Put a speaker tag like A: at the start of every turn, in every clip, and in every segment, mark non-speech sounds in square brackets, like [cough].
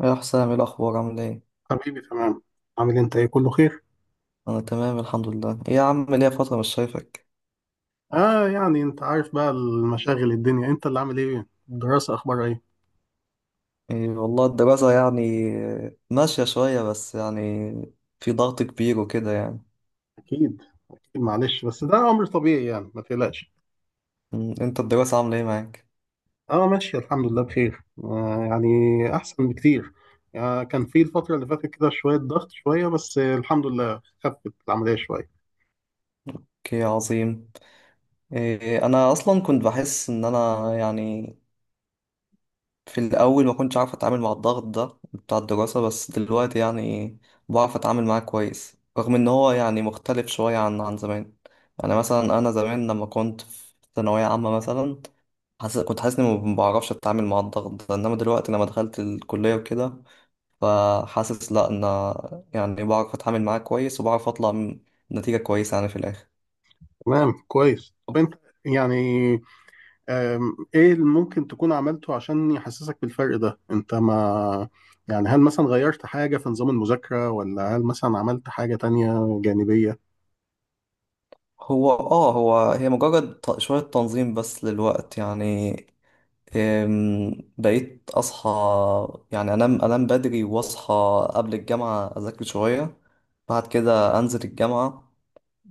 A: يا حسام، ايه الاخبار؟ عامل ايه؟
B: حبيبي تمام. عامل إيه؟ انت ايه، كله خير.
A: انا تمام الحمد لله. ايه يا عم، ليا فتره مش شايفك.
B: اه انت عارف بقى المشاغل الدنيا. انت اللي عامل ايه، الدراسة اخبارها ايه؟
A: إيه والله الدراسه يعني، ماشيه شويه بس يعني في ضغط كبير وكده يعني.
B: اكيد، اكيد، معلش، بس ده امر طبيعي، ما تقلقش.
A: انت الدراسه عامله ايه معاك؟
B: اه ماشي، الحمد لله بخير، احسن بكتير. آه، كان في الفترة اللي فاتت كده شوية ضغط، شوية بس، آه الحمد لله خفت العملية شوية.
A: اوكي، عظيم. إيه، انا اصلا كنت بحس ان انا يعني في الاول ما كنتش عارف اتعامل مع الضغط ده بتاع الدراسه، بس دلوقتي يعني بعرف اتعامل معاه كويس رغم ان هو يعني مختلف شويه عن زمان. انا مثلا، انا زمان لما كنت في ثانويه عامه مثلا، كنت حاسس اني ما بعرفش اتعامل مع الضغط ده، انما دلوقتي لما دخلت الكلية وكده فحاسس لا، انا يعني بعرف اتعامل معاه كويس وبعرف اطلع من نتيجة كويسة يعني في الاخر.
B: تمام، كويس. طب انت يعني ايه اللي ممكن تكون عملته عشان يحسسك بالفرق ده؟ انت ما هل مثلا غيرت حاجة في نظام المذاكرة، ولا هل مثلا عملت حاجة تانية جانبية؟
A: هو اه هو هي مجرد شوية تنظيم بس للوقت يعني. أم، بقيت اصحى، يعني انام بدري واصحى قبل الجامعة، اذاكر شوية، بعد كده انزل الجامعة.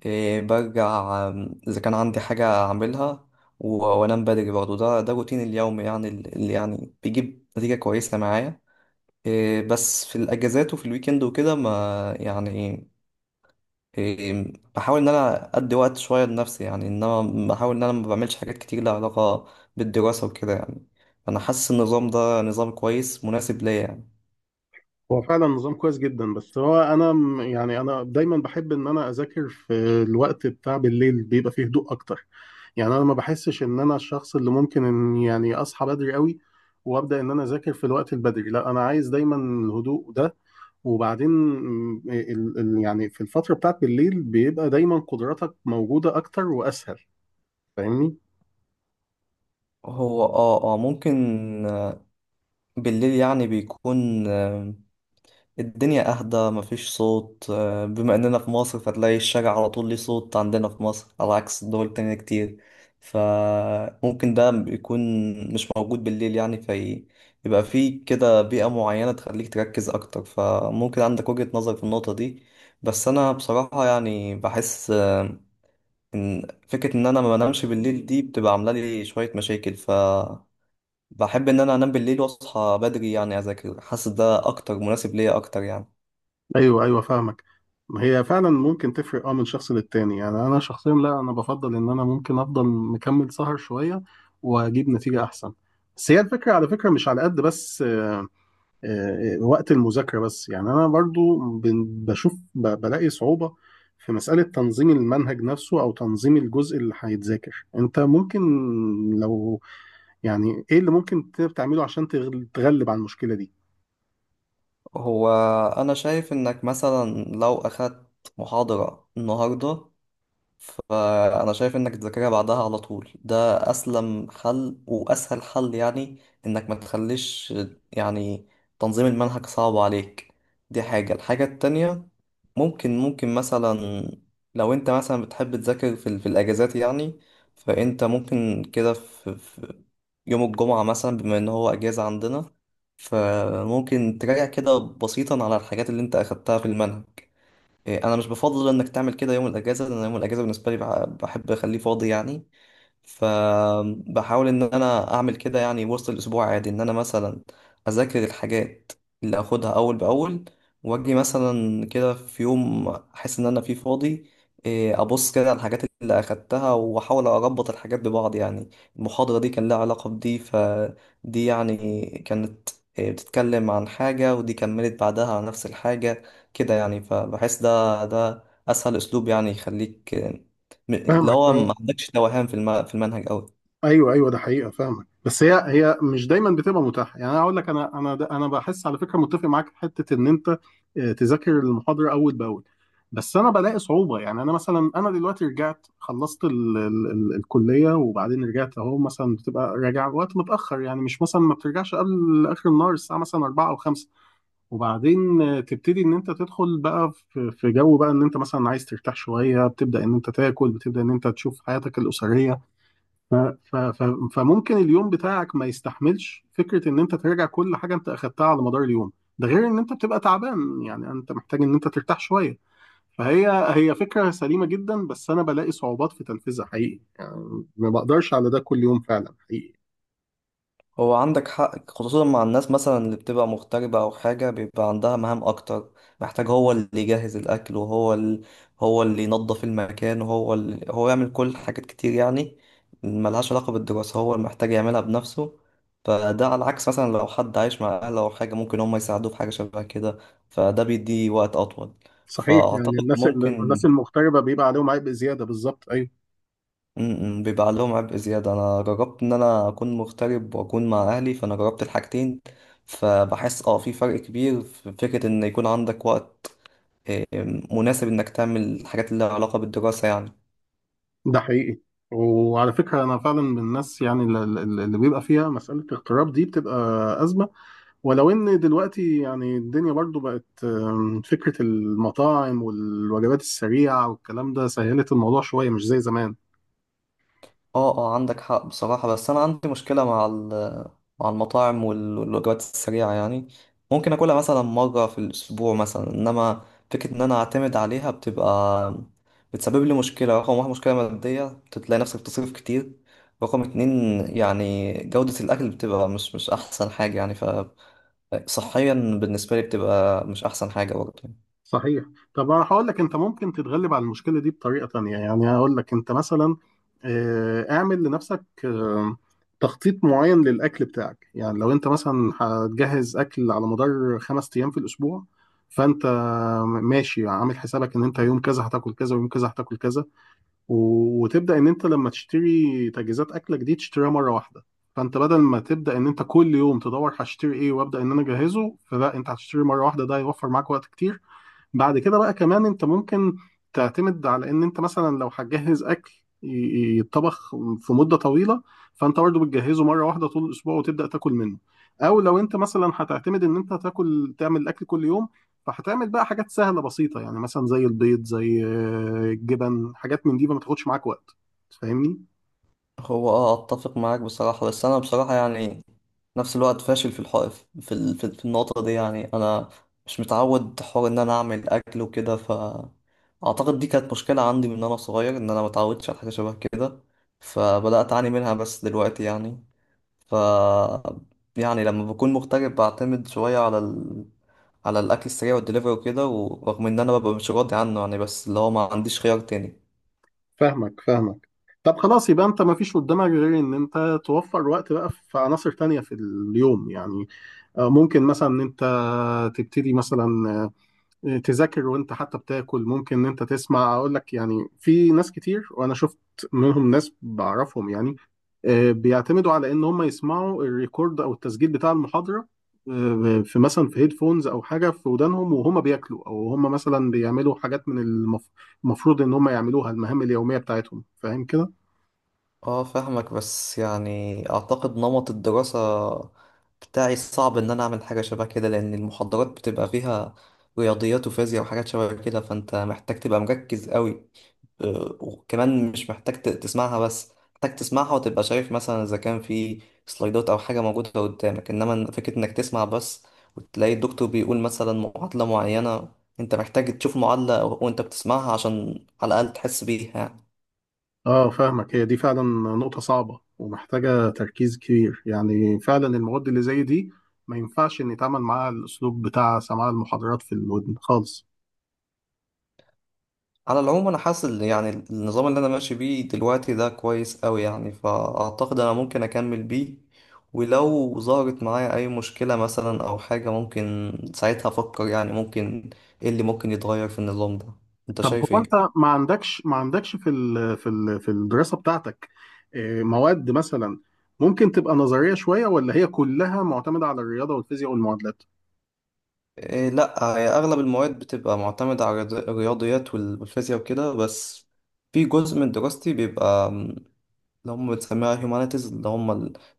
A: إيه، برجع، إذا كان عندي حاجة أعملها و- وأنام بدري برضه. ده روتين اليوم يعني اللي يعني بيجيب نتيجة كويسة معايا. إيه، بس في الأجازات وفي الويكند وكده، ما يعني، إيه، بحاول إن أنا أدي وقت شوية لنفسي يعني، إنما بحاول إن أنا ما بعملش حاجات كتير لها علاقة بالدراسة وكده يعني. أنا حاسس النظام ده نظام كويس مناسب ليا يعني.
B: هو فعلا نظام كويس جدا، بس هو انا انا دايما بحب ان انا اذاكر في الوقت بتاع بالليل، بيبقى فيه هدوء اكتر. يعني انا ما بحسش ان انا الشخص اللي ممكن ان اصحى بدري قوي وابدا ان انا اذاكر في الوقت البدري. لا، انا عايز دايما الهدوء ده. وبعدين م، ال- ال- يعني في الفترة بتاعت بالليل بيبقى دايما قدراتك موجودة اكتر واسهل، فاهمني؟
A: هو ممكن، بالليل يعني بيكون الدنيا أهدى، مفيش صوت. بما إننا في مصر فتلاقي الشارع على طول ليه صوت، عندنا في مصر، على عكس دول تانية كتير. فممكن ده يكون مش موجود بالليل، يعني في، يبقى فيه كده بيئة معينة تخليك تركز أكتر. فممكن عندك وجهة نظر في النقطة دي. بس أنا بصراحة يعني بحس، إن فكرة إن أنا ما بنامش بالليل دي بتبقى عاملة لي شوية مشاكل. ف بحب إن أنا أنام بالليل وأصحى بدري، يعني أذاكر. حاسس ده أكتر مناسب ليا أكتر يعني.
B: ايوه ايوه، فاهمك. ما هي فعلا ممكن تفرق، اه، من شخص للتاني. يعني انا شخصيا لا، انا بفضل ان انا ممكن افضل مكمل سهر شويه واجيب نتيجه احسن. بس هي الفكره، على فكره، مش على قد بس آه، وقت المذاكره بس. يعني انا برضو بلاقي صعوبه في مساله تنظيم المنهج نفسه، او تنظيم الجزء اللي هيتذاكر. انت ممكن، لو ايه اللي ممكن تعمله عشان تغلب على المشكله دي؟
A: هو أنا شايف إنك مثلا لو أخدت محاضرة النهاردة، فأنا شايف إنك تذاكرها بعدها على طول. ده أسلم حل وأسهل حل يعني. إنك ما تخليش يعني تنظيم المنهج صعب عليك. دي الحاجة التانية، ممكن مثلا لو أنت مثلا بتحب تذاكر في الأجازات يعني، فأنت ممكن كده في يوم الجمعة مثلا، بما إن هو أجازة عندنا، فممكن تراجع كده بسيطا على الحاجات اللي أنت أخدتها في المنهج. إيه، انا مش بفضل انك تعمل كده يوم الاجازه، لان يوم الاجازه بالنسبه لي بحب اخليه فاضي يعني. فبحاول ان انا اعمل كده يعني وسط الاسبوع عادي، ان انا مثلا اذاكر الحاجات اللي اخدها اول باول، واجي مثلا كده في يوم احس ان انا فيه فاضي، إيه، ابص كده على الحاجات اللي اخدتها واحاول اربط الحاجات ببعض يعني. المحاضرة دي كان لها علاقة بدي، فدي يعني كانت، إيه، بتتكلم عن حاجة، ودي كملت بعدها على نفس الحاجة. كده يعني فبحس ده اسهل اسلوب يعني يخليك، اللي
B: فاهمك،
A: هو
B: اه.
A: ما عندكش توهان في في المنهج قوي.
B: ايوه ايوه، ده حقيقه فاهمك، بس هي هي مش دايما بتبقى متاحه. يعني انا اقول لك، انا بحس على فكره متفق معاك في حته ان انت تذاكر المحاضره اول باول. بس انا بلاقي صعوبه. يعني انا مثلا، انا دلوقتي رجعت، خلصت ال الكليه وبعدين رجعت، اهو مثلا بتبقى راجع وقت متاخر يعني. مش مثلا ما بترجعش قبل اخر النهار، الساعه مثلا 4 او 5. وبعدين تبتدي ان انت تدخل بقى في جو بقى ان انت مثلا عايز ترتاح شويه، بتبدا ان انت تاكل، بتبدا ان انت تشوف حياتك الاسريه. ف- ف- فممكن اليوم بتاعك ما يستحملش فكرة ان انت تراجع كل حاجة انت اخدتها على مدار اليوم. ده غير ان انت بتبقى تعبان، يعني انت محتاج ان انت ترتاح شوية. فهي هي فكرة سليمة جدا، بس انا بلاقي صعوبات في تنفيذها حقيقي، يعني ما بقدرش على ده كل يوم، فعلا حقيقي.
A: هو عندك حق، خصوصا مع الناس مثلا اللي بتبقى مغتربة أو حاجة بيبقى عندها مهام أكتر. محتاج هو اللي يجهز الأكل، هو اللي ينظف المكان، هو يعمل كل حاجات كتير يعني ملهاش علاقة بالدراسة هو اللي محتاج يعملها بنفسه. فده على العكس مثلا لو حد عايش مع أهله أو حاجة، ممكن هم يساعدوه في حاجة شبه كده، فده بيديه وقت أطول.
B: صحيح، يعني
A: فأعتقد
B: الناس،
A: ممكن،
B: المغتربة بيبقى عليهم عبء زيادة، بالظبط ايوه.
A: بيبقى عليهم عبء زيادة. أنا جربت إن أنا أكون مغترب وأكون مع أهلي، فأنا جربت الحاجتين، فبحس في فرق كبير في فكرة إن يكون عندك وقت، آه، مناسب إنك تعمل الحاجات اللي لها علاقة بالدراسة يعني.
B: ده حقيقي. وعلى فكرة انا فعلا من الناس يعني اللي بيبقى فيها مسألة اغتراب دي بتبقى أزمة. ولو ان دلوقتي يعني الدنيا برضو بقت فكرة المطاعم والوجبات السريعة والكلام ده سهلت الموضوع شوية، مش زي زمان.
A: اه عندك حق بصراحة، بس أنا عندي مشكلة مع مع المطاعم والوجبات السريعة يعني. ممكن أكلها مثلا مرة في الأسبوع مثلا، إنما فكرة إن أنا أعتمد عليها بتبقى، بتسبب لي مشكلة. رقم 1، مشكلة مادية، بتلاقي نفسك بتصرف كتير. رقم 2، يعني جودة الأكل بتبقى مش أحسن حاجة يعني، فصحيا بالنسبة لي بتبقى مش أحسن حاجة برضه.
B: صحيح. طب انا هقول لك، انت ممكن تتغلب على المشكلة دي بطريقة تانية. يعني هقول لك، انت مثلا اعمل لنفسك تخطيط معين للاكل بتاعك. يعني لو انت مثلا هتجهز اكل على مدار خمس ايام في الاسبوع، فانت ماشي عامل حسابك ان انت يوم كذا هتاكل كذا، ويوم كذا هتاكل كذا. و- وتبدا ان انت لما تشتري تجهيزات اكلك دي تشتريها مره واحده. فانت بدل ما تبدا ان انت كل يوم تدور هشتري ايه وابدا ان انا اجهزه، فلا، انت هتشتري مره واحده، ده هيوفر معاك وقت كتير. بعد كده بقى كمان انت ممكن تعتمد على ان انت مثلا لو هتجهز اكل يتطبخ في مدة طويلة، فانت برضه بتجهزه مرة واحدة طول الاسبوع وتبدأ تاكل منه. او لو انت مثلا هتعتمد ان انت تاكل، تعمل الاكل كل يوم، فهتعمل بقى حاجات سهلة بسيطة، يعني مثلا زي البيض، زي الجبن، حاجات من دي ما تاخدش معاك وقت، فاهمني؟
A: هو اتفق معاك بصراحة، بس انا بصراحة يعني نفس الوقت فاشل في الحق في ال- في في النقطة دي يعني. انا مش متعود حوار ان انا اعمل اكل وكده، ف اعتقد دي كانت مشكلة عندي من انا صغير، ان انا متعودتش على حاجة شبه كده فبدأت اعاني منها. بس دلوقتي يعني، ف، يعني لما بكون مغترب بعتمد شوية على الاكل السريع والدليفري وكده، ورغم ان انا ببقى مش راضي عنه يعني، بس اللي هو ما عنديش خيار تاني.
B: فاهمك، فاهمك. طب خلاص، يبقى انت ما فيش قدامك غير ان انت توفر وقت بقى في عناصر تانية في اليوم. يعني ممكن مثلا ان انت تبتدي مثلا تذاكر وانت حتى بتاكل. ممكن ان انت تسمع، اقول لك، يعني في ناس كتير وانا شفت منهم ناس بعرفهم، يعني بيعتمدوا على ان هم يسمعوا الريكورد او التسجيل بتاع المحاضرة في مثلا في هيدفونز او حاجة في ودانهم، وهم بياكلوا، او هم مثلا بيعملوا حاجات من المفروض ان هم يعملوها، المهام اليومية بتاعتهم، فاهم كده؟
A: اه فاهمك، بس يعني اعتقد نمط الدراسة بتاعي صعب ان انا اعمل حاجة شبه كده، لان المحاضرات بتبقى فيها رياضيات وفيزياء وحاجات شبه كده، فانت محتاج تبقى مركز قوي. وكمان مش محتاج تسمعها بس، محتاج تسمعها وتبقى شايف مثلا اذا كان في سلايدات او حاجة موجودة قدامك. انما فكرة انك تسمع بس وتلاقي الدكتور بيقول مثلا معادلة معينة، انت محتاج تشوف معادلة وانت بتسمعها عشان على الاقل تحس بيها يعني.
B: اه فاهمك. هي دي فعلا نقطة صعبة ومحتاجة تركيز كبير، يعني فعلا المواد اللي زي دي ما ينفعش ان يتعامل معاها الاسلوب بتاع سماع المحاضرات في الودن خالص.
A: على العموم انا حاسس إن يعني النظام اللي انا ماشي بيه دلوقتي ده كويس قوي يعني، فاعتقد انا ممكن اكمل بيه، ولو ظهرت معايا اي مشكلة مثلا او حاجة ممكن ساعتها افكر يعني ممكن ايه اللي ممكن يتغير في النظام ده. انت
B: طب
A: شايف
B: هو انت
A: ايه؟
B: ما عندكش في الدراسة بتاعتك مواد مثلا ممكن تبقى نظرية شوية، ولا هي كلها معتمدة على الرياضة والفيزياء والمعادلات؟
A: إيه، لا، هي اغلب المواد بتبقى معتمدة على الرياضيات والفيزياء وكده، بس في جزء من دراستي بيبقى اللي هم بتسميها humanities، اللي هم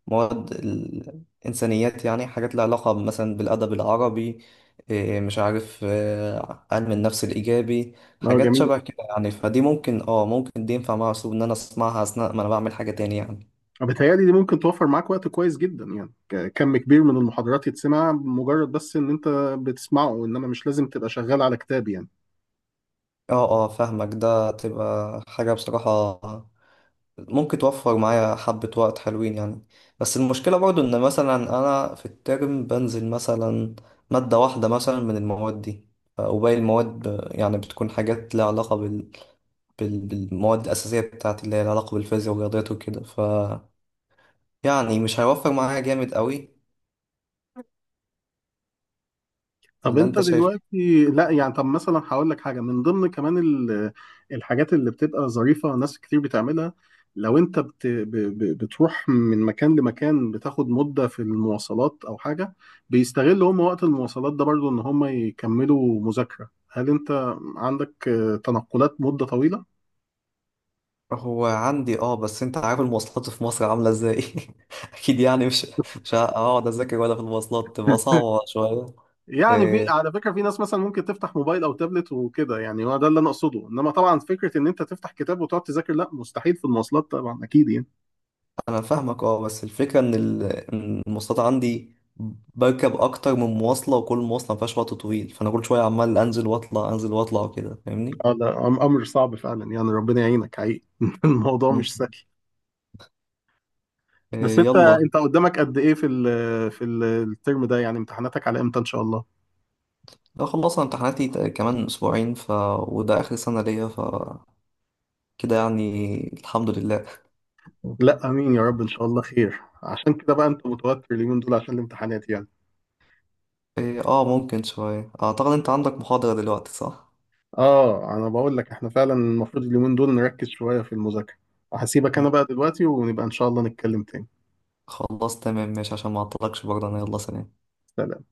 A: المواد الإنسانيات يعني، حاجات لها علاقة مثلا بالأدب العربي، إيه مش عارف، علم النفس الإيجابي،
B: اه
A: حاجات
B: جميل.
A: شبه كده يعني. فدي ممكن دي ينفع مع أسلوب إن أنا أسمعها أثناء ما أنا بعمل حاجة تاني يعني.
B: بتهيألي دي ممكن توفر معاك وقت كويس جدا. يعني كم كبير من المحاضرات يتسمع مجرد بس ان انت بتسمعه، انما مش لازم تبقى شغال على كتاب يعني.
A: اه فاهمك، ده تبقى حاجة بصراحة ممكن توفر معايا حبة وقت حلوين يعني. بس المشكلة برضو إن مثلا أنا في الترم بنزل مثلا مادة واحدة مثلا من المواد دي، وباقي المواد يعني بتكون حاجات لها علاقة بالمواد الأساسية بتاعتي اللي هي لها علاقة بالفيزياء والرياضيات وكده، ف، يعني مش هيوفر معايا جامد قوي.
B: طب
A: ولا
B: انت
A: أنت شايف إيه؟
B: دلوقتي، لا يعني، طب مثلا هقول لك حاجه من ضمن كمان الحاجات اللي بتبقى ظريفه ناس كتير بتعملها. لو انت بتروح من مكان لمكان، بتاخد مده في المواصلات او حاجه، بيستغلوا هم وقت المواصلات ده برضو ان هم يكملوا مذاكره. هل انت عندك تنقلات مده طويله؟
A: هو عندي، بس انت عارف المواصلات في مصر عاملة ازاي. [laughs] اكيد يعني مش هقعد اذاكر ولا في المواصلات، تبقى صعبة شوية.
B: يعني في،
A: آه،
B: على فكرة، في ناس مثلا ممكن تفتح موبايل او تابلت وكده، يعني هو ده اللي انا اقصده. انما طبعا فكرة ان انت تفتح كتاب وتقعد تذاكر، لا مستحيل في المواصلات طبعا، اكيد يعني.
A: انا فاهمك، بس الفكره إن المواصلات عندي بركب اكتر من مواصله، وكل مواصله ما فيهاش وقت طويل، فانا كل شويه عمال انزل واطلع انزل واطلع وكده فاهمني.
B: اه ده امر صعب فعلا، يعني ربنا يعينك حقيقي. [laughs] الموضوع
A: مم.
B: مش سهل. بس
A: إيه،
B: انت،
A: يلا.
B: انت قدامك قد ايه في الترم ده؟ يعني امتحاناتك على امتى ان شاء الله؟
A: انا خلصنا امتحاناتي كمان اسبوعين، ف، وده اخر سنه ليا، ف، كده يعني الحمد لله.
B: لا امين يا رب، ان شاء الله خير. عشان كده بقى انت متوتر اليومين دول عشان الامتحانات يعني.
A: إيه، ممكن شويه. اعتقد انت عندك محاضره دلوقتي، صح؟
B: اه انا بقول لك، احنا فعلا المفروض اليومين دول نركز شوية في المذاكرة. هسيبك انا
A: مم.
B: بقى دلوقتي، ونبقى ان شاء الله نتكلم تاني.
A: خلاص تمام ماشي، عشان ما اعطلكش برضه، انا يلا سلام.
B: سلام.